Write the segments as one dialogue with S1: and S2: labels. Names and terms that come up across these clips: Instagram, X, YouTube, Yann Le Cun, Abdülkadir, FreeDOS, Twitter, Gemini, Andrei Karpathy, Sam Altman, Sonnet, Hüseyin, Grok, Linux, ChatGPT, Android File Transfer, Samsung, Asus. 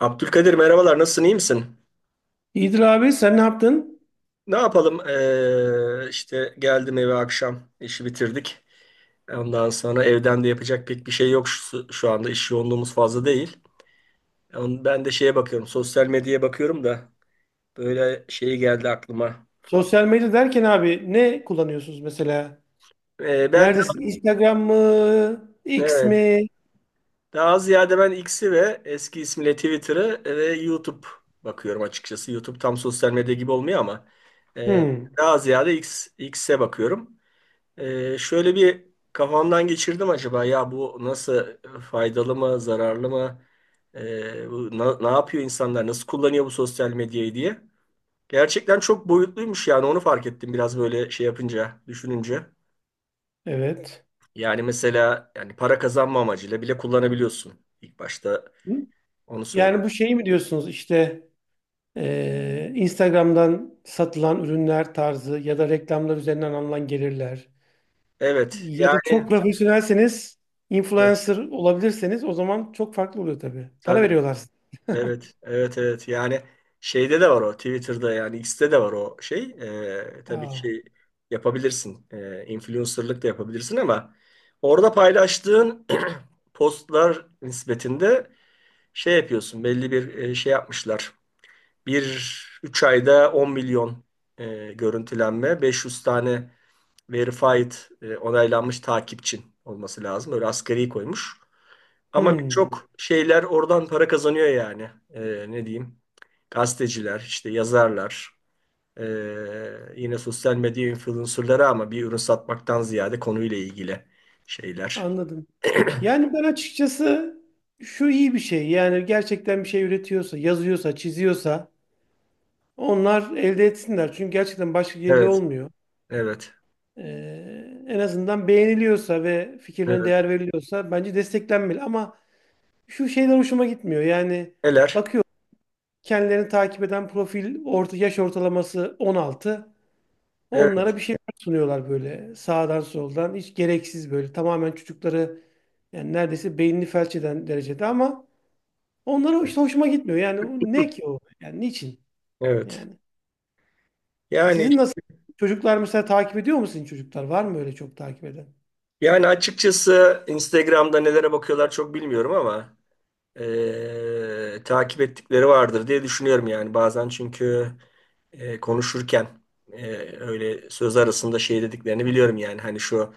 S1: Abdülkadir merhabalar, nasılsın, iyi misin?
S2: İyidir abi, sen ne yaptın?
S1: Ne yapalım, işte geldim eve, akşam işi bitirdik. Ondan sonra evden de yapacak pek bir şey yok, şu anda iş yoğunluğumuz fazla değil. Yani ben de şeye bakıyorum, sosyal medyaya bakıyorum da böyle şey geldi aklıma.
S2: Sosyal medya derken abi, ne kullanıyorsunuz mesela?
S1: Ben de
S2: Neredesin? Instagram mı? X
S1: evet,
S2: mi?
S1: daha ziyade ben X'i ve eski ismiyle Twitter'ı ve YouTube bakıyorum açıkçası. YouTube tam sosyal medya gibi olmuyor ama ee,
S2: Hmm,
S1: daha ziyade X, X'e bakıyorum. Şöyle bir kafamdan geçirdim: acaba ya bu nasıl, faydalı mı zararlı mı, ne yapıyor insanlar, nasıl kullanıyor bu sosyal medyayı diye. Gerçekten çok boyutluymuş, yani onu fark ettim biraz böyle şey yapınca, düşününce.
S2: evet.
S1: Yani mesela, para kazanma amacıyla bile kullanabiliyorsun, ilk başta
S2: Hı?
S1: onu söyleyeyim.
S2: Yani bu şeyi mi diyorsunuz işte, Instagram'dan satılan ürünler tarzı ya da reklamlar üzerinden alınan gelirler.
S1: Evet,
S2: Ya da
S1: yani
S2: çok profesyonelseniz,
S1: evet,
S2: influencer olabilirseniz o zaman çok farklı oluyor tabii. Para
S1: tabii.
S2: veriyorlar size.
S1: Evet, evet, evet. Yani şeyde de var o, Twitter'da yani X'te de var o şey. Tabii ki
S2: Aa,
S1: şey yapabilirsin, influencer'lık da yapabilirsin ama orada paylaştığın postlar nispetinde şey yapıyorsun, belli bir şey yapmışlar. Bir 3 ayda 10 milyon görüntülenme, 500 tane verified onaylanmış takipçin olması lazım. Öyle asgari koymuş. Ama
S2: hmm,
S1: birçok şeyler oradan para kazanıyor yani. Ne diyeyim? Gazeteciler, işte yazarlar, yine sosyal medya influencerları ama bir ürün satmaktan ziyade konuyla ilgili şeyler.
S2: anladım. Yani ben açıkçası şu iyi bir şey. Yani gerçekten bir şey üretiyorsa, yazıyorsa, çiziyorsa onlar elde etsinler. Çünkü gerçekten başka geliri
S1: Evet,
S2: olmuyor.
S1: evet,
S2: En azından beğeniliyorsa ve fikirlerine
S1: evet.
S2: değer veriliyorsa bence desteklenmeli. Ama şu şeyler hoşuma gitmiyor. Yani
S1: Neler?
S2: bakıyor, kendilerini takip eden profil orta yaş ortalaması 16.
S1: Evet,
S2: Onlara bir şeyler sunuyorlar böyle sağdan soldan. Hiç gereksiz, böyle tamamen çocukları yani neredeyse beynini felç eden derecede, ama onlara işte hoşuma gitmiyor. Yani ne ki o? Yani niçin?
S1: evet.
S2: Yani
S1: Yani
S2: sizin nasıl, çocuklar mesela takip ediyor mu, sizin çocuklar? Var mı öyle çok takip eden?
S1: yani açıkçası Instagram'da nelere bakıyorlar çok bilmiyorum ama takip ettikleri vardır diye düşünüyorum, yani bazen çünkü konuşurken öyle söz arasında şey dediklerini biliyorum, yani hani şu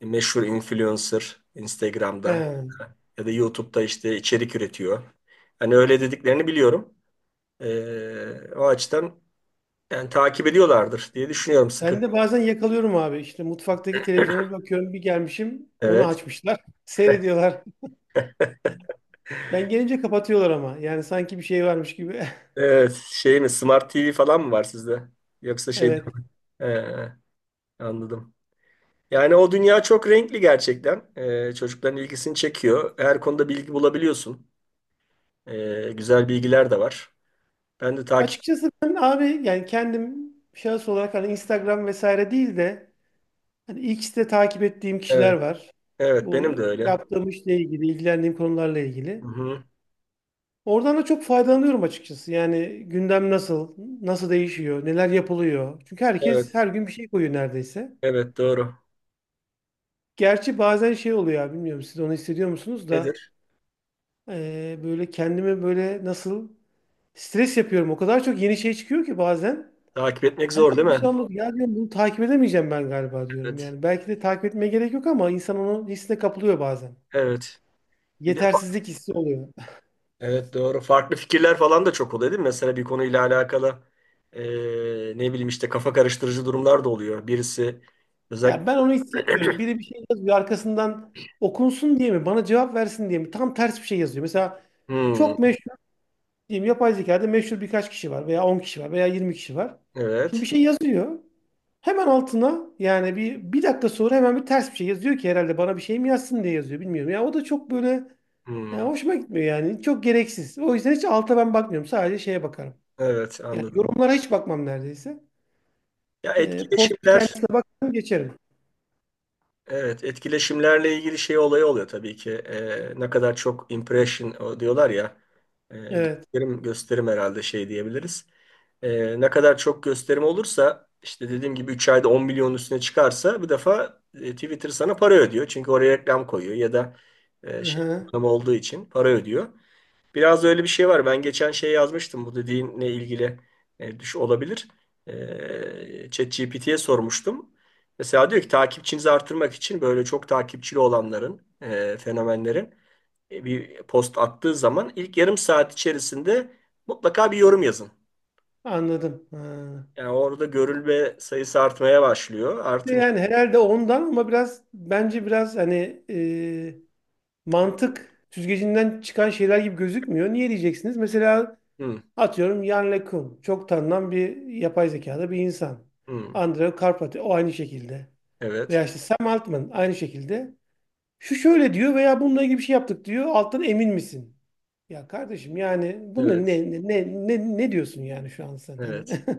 S1: meşhur influencer Instagram'da
S2: He.
S1: ya da YouTube'da işte içerik üretiyor. Hani öyle dediklerini biliyorum. O açıdan yani takip ediyorlardır diye düşünüyorum sıkı.
S2: Ben de bazen yakalıyorum abi. İşte mutfaktaki televizyona bir bakıyorum, bir gelmişim onu
S1: Evet.
S2: açmışlar. Seyrediyorlar. Ben gelince kapatıyorlar ama. Yani sanki bir şey varmış gibi.
S1: Evet. Şey mi, Smart TV falan mı var sizde? Yoksa şey
S2: Evet.
S1: Ee, Anladım. Yani o dünya çok renkli gerçekten. Çocukların ilgisini çekiyor. Her konuda bilgi bulabiliyorsun. Güzel bilgiler de var. Ben de takip...
S2: Açıkçası ben abi, yani kendim şahıs olarak, hani Instagram vesaire değil de hani X'te takip ettiğim kişiler
S1: Evet,
S2: var.
S1: evet,
S2: Bu
S1: benim de öyle.
S2: yaptığım işle ilgili, ilgilendiğim konularla ilgili.
S1: Hı-hı.
S2: Oradan da çok faydalanıyorum açıkçası. Yani gündem nasıl, nasıl değişiyor, neler yapılıyor. Çünkü herkes
S1: Evet,
S2: her gün bir şey koyuyor neredeyse.
S1: evet, doğru.
S2: Gerçi bazen şey oluyor abi, bilmiyorum siz onu hissediyor musunuz da,
S1: Nedir?
S2: böyle kendime böyle nasıl stres yapıyorum. O kadar çok yeni şey çıkıyor ki bazen.
S1: Takip etmek zor
S2: Herkes
S1: değil
S2: bir
S1: mi?
S2: şey anlatıyor. Ya diyorum, bunu takip edemeyeceğim ben galiba diyorum.
S1: Evet,
S2: Yani belki de takip etmeye gerek yok ama insan onun hissine kapılıyor bazen.
S1: evet. Bir de fa-
S2: Yetersizlik hissi oluyor.
S1: evet, doğru. Farklı fikirler falan da çok oluyor değil mi? Mesela bir konuyla alakalı ee, ne bileyim işte kafa karıştırıcı durumlar da oluyor. Birisi özellikle...
S2: Ya, ben onu hiç sevmiyorum. Biri bir şey yazıyor arkasından okunsun diye mi? Bana cevap versin diye mi? Tam ters bir şey yazıyor. Mesela
S1: Hmm,
S2: çok meşhur diyeyim, yapay zekada meşhur birkaç kişi var veya 10 kişi var veya 20 kişi var. Şimdi bir
S1: evet.
S2: şey yazıyor. Hemen altına yani bir dakika sonra hemen bir ters bir şey yazıyor ki, herhalde bana bir şey mi yazsın diye yazıyor bilmiyorum. Ya o da çok böyle, ya
S1: Hmm,
S2: hoşuma gitmiyor yani. Çok gereksiz. O yüzden hiç alta ben bakmıyorum. Sadece şeye bakarım.
S1: evet,
S2: Yani
S1: anladım.
S2: yorumlara hiç bakmam neredeyse.
S1: Ya,
S2: Post
S1: etkileşimler.
S2: kendisini geçerim.
S1: Evet, etkileşimlerle ilgili şey olayı oluyor tabii ki. Ne kadar çok impression o diyorlar ya,
S2: Evet.
S1: gösterim, herhalde şey diyebiliriz. Ne kadar çok gösterim olursa, işte dediğim gibi 3 ayda 10 milyonun üstüne çıkarsa bir defa Twitter sana para ödüyor. Çünkü oraya reklam koyuyor ya da
S2: Hı
S1: şey
S2: hı.
S1: reklam olduğu için para ödüyor. Biraz da öyle bir şey var. Ben geçen şey yazmıştım, bu dediğinle ilgili düş olabilir. ChatGPT'ye sormuştum. Mesela diyor ki takipçinizi artırmak için böyle çok takipçili olanların, fenomenlerin bir post attığı zaman ilk yarım saat içerisinde mutlaka bir yorum yazın.
S2: Anladım. Ha.
S1: Yani orada görülme sayısı artmaya başlıyor,
S2: İşte
S1: artınca.
S2: yani herhalde ondan, ama biraz bence biraz hani mantık süzgecinden çıkan şeyler gibi gözükmüyor. Niye diyeceksiniz? Mesela
S1: Hı,
S2: atıyorum Yann Le Kun. Çok tanınan bir, yapay zekada bir insan.
S1: hı,
S2: Andrei Karpathy o aynı şekilde.
S1: evet,
S2: Veya işte Sam Altman aynı şekilde. Şu şöyle diyor veya bununla ilgili bir şey yaptık diyor. Alttan emin misin? Ya kardeşim, yani bunu ne
S1: evet,
S2: ne ne ne, ne diyorsun yani şu an sen hani...
S1: evet.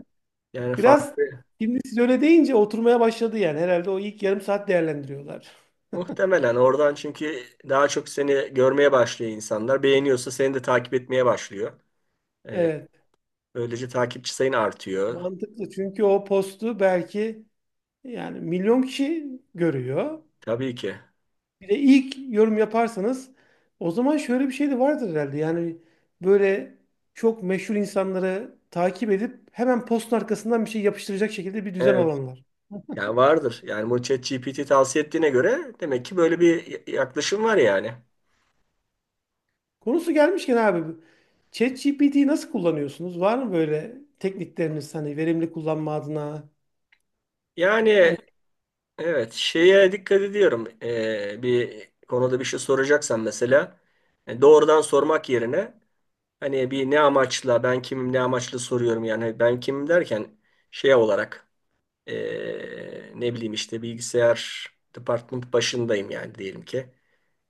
S1: Yani
S2: Biraz,
S1: farklı.
S2: şimdi siz öyle deyince oturmaya başladı yani. Herhalde o ilk yarım saat değerlendiriyorlar.
S1: Muhtemelen oradan, çünkü daha çok seni görmeye başlıyor insanlar. Beğeniyorsa seni de takip etmeye başlıyor. Ee,
S2: Evet.
S1: Böylece takipçi sayın artıyor.
S2: Mantıklı. Çünkü o postu belki yani milyon kişi görüyor.
S1: Tabii ki.
S2: Bir de ilk yorum yaparsanız o zaman şöyle bir şey de vardır herhalde. Yani böyle çok meşhur insanları takip edip hemen postun arkasından bir şey yapıştıracak şekilde bir düzen
S1: Evet.
S2: alanlar.
S1: Yani vardır. Yani bu ChatGPT tavsiye ettiğine göre demek ki böyle bir yaklaşım var yani.
S2: Konusu gelmişken abi, ChatGPT'yi nasıl kullanıyorsunuz? Var mı böyle teknikleriniz hani, verimli kullanma adına? Hani
S1: Yani evet, şeye dikkat ediyorum. Bir konuda bir şey soracaksan mesela doğrudan sormak yerine, hani bir ne amaçla, ben kimim, ne amaçla soruyorum yani, ben kimim derken şey olarak, ne bileyim işte bilgisayar department başındayım, yani diyelim ki.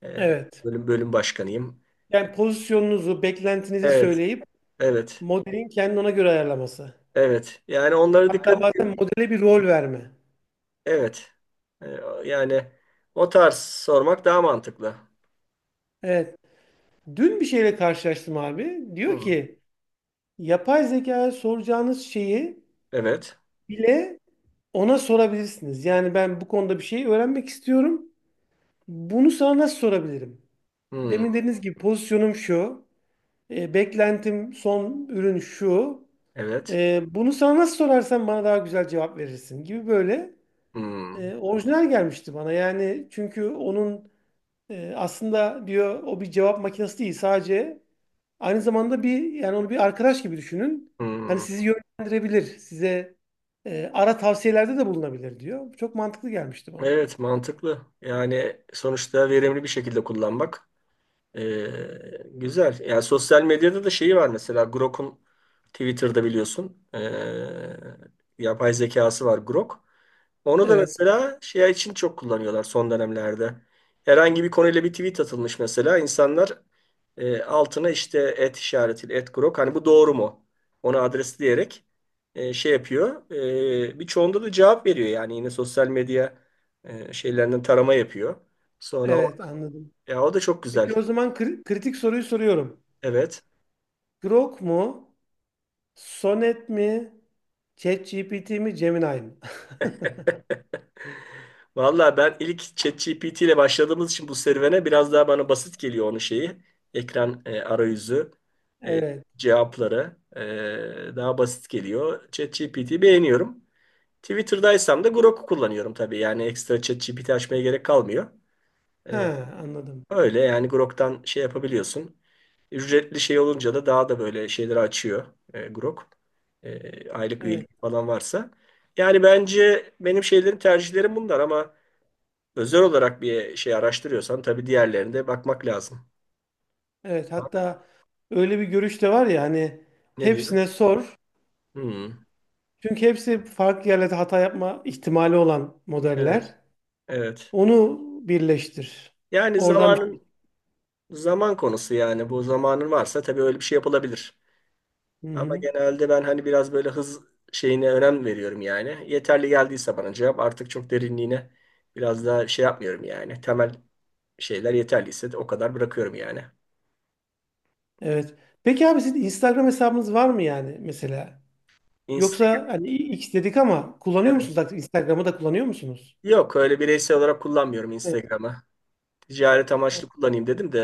S1: Ee,
S2: evet.
S1: bölüm başkanıyım.
S2: Yani pozisyonunuzu, beklentinizi
S1: Evet,
S2: söyleyip
S1: evet,
S2: modelin kendini ona göre ayarlaması.
S1: evet. Yani onlara
S2: Hatta
S1: dikkat
S2: bazen
S1: edin.
S2: modele bir rol verme.
S1: Evet. Ee, Yani o tarz sormak daha mantıklı.
S2: Evet. Dün bir şeyle karşılaştım abi. Diyor
S1: Hı,
S2: ki yapay zekaya soracağınız şeyi
S1: evet.
S2: bile ona sorabilirsiniz. Yani ben bu konuda bir şey öğrenmek istiyorum. Bunu sana nasıl sorabilirim?
S1: Hı,
S2: Demin dediğiniz gibi pozisyonum şu. Beklentim son ürün şu.
S1: evet.
S2: Bunu sana nasıl sorarsam bana daha güzel cevap verirsin gibi böyle.
S1: Hı,
S2: Orijinal gelmişti bana, yani çünkü onun aslında diyor, o bir cevap makinesi değil sadece, aynı zamanda bir, yani onu bir arkadaş gibi düşünün. Hani
S1: hı.
S2: sizi yönlendirebilir, size ara tavsiyelerde de bulunabilir diyor. Çok mantıklı gelmişti bana.
S1: Evet, mantıklı. Yani sonuçta verimli bir şekilde kullanmak. Güzel. Yani sosyal medyada da şeyi var mesela Grok'un, Twitter'da biliyorsun. Yapay zekası var Grok. Onu da
S2: Evet,
S1: mesela şey için çok kullanıyorlar son dönemlerde. Herhangi bir konuyla bir tweet atılmış mesela, insanlar altına işte et işaretiyle, et Grok hani bu doğru mu? Onu adresleyerek şey yapıyor. Birçoğunda da cevap veriyor, yani yine sosyal medya şeylerinden tarama yapıyor. Sonra o,
S2: evet, anladım.
S1: ya o da çok güzel.
S2: Peki o zaman kritik soruyu soruyorum.
S1: Evet.
S2: Grok mu, Sonnet mi, ChatGPT mi, Gemini mi?
S1: Vallahi, ben ilk ChatGPT ile başladığımız için bu serüvene biraz daha bana basit geliyor onun şeyi. Ekran arayüzü, e,
S2: Evet,
S1: cevapları daha basit geliyor. ChatGPT'yi beğeniyorum. Twitter'daysam da Grok'u kullanıyorum tabii. Yani ekstra ChatGPT açmaya gerek kalmıyor. E,
S2: ha, anladım.
S1: Öyle yani, Grok'tan şey yapabiliyorsun. Ücretli şey olunca da daha da böyle şeyleri açıyor Grok. Aylık
S2: Evet.
S1: üyelik falan varsa. Yani bence benim şeylerim, tercihlerim bunlar ama özel olarak bir şey araştırıyorsan tabii diğerlerine de bakmak lazım.
S2: Evet hatta öyle bir görüş de var ya hani,
S1: Ne
S2: hepsine
S1: diyor?
S2: sor.
S1: Hmm,
S2: Çünkü hepsi farklı yerlerde hata yapma ihtimali olan
S1: evet,
S2: modeller.
S1: evet.
S2: Onu birleştir.
S1: Yani
S2: Oradan bir...
S1: zaman konusu yani, bu zamanın varsa tabii öyle bir şey yapılabilir.
S2: Hı
S1: Ama
S2: hı.
S1: genelde ben hani biraz böyle hız şeyine önem veriyorum yani. Yeterli geldiyse bana cevap artık çok derinliğine biraz daha şey yapmıyorum yani. Temel şeyler yeterliyse de o kadar bırakıyorum yani.
S2: Evet. Peki abi, sizin Instagram hesabınız var mı, yani mesela? Yoksa
S1: Instagram,
S2: hani X dedik ama kullanıyor musunuz?
S1: evet.
S2: Artık Instagram'ı da kullanıyor musunuz?
S1: Yok, öyle bireysel olarak kullanmıyorum
S2: Evet.
S1: Instagram'ı. Ticaret amaçlı kullanayım dedim de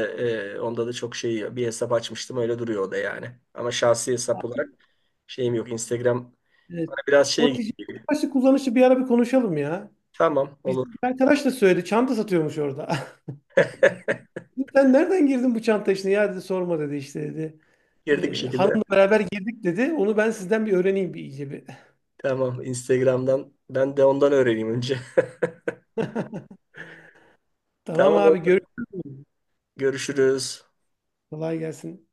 S1: onda da çok şey bir hesap açmıştım, öyle duruyor o da yani. Ama şahsi hesap olarak şeyim yok. Instagram
S2: Evet.
S1: bana biraz şey
S2: O
S1: gibi geliyor.
S2: ticaret kullanışı bir ara bir konuşalım ya.
S1: Tamam,
S2: Biz, bir
S1: olur.
S2: arkadaş da söyledi. Çanta satıyormuş orada. Sen nereden girdin bu çanta işine? Ya dedi, sorma dedi, işte dedi.
S1: Girdik bir
S2: Ee,
S1: şekilde.
S2: hanımla beraber girdik dedi. Onu ben sizden bir öğreneyim, bir iyice bir.
S1: Tamam, Instagram'dan. Ben de ondan öğreneyim önce.
S2: Tamam
S1: Tamam,
S2: abi,
S1: oldu.
S2: görüşürüz.
S1: Görüşürüz.
S2: Kolay gelsin.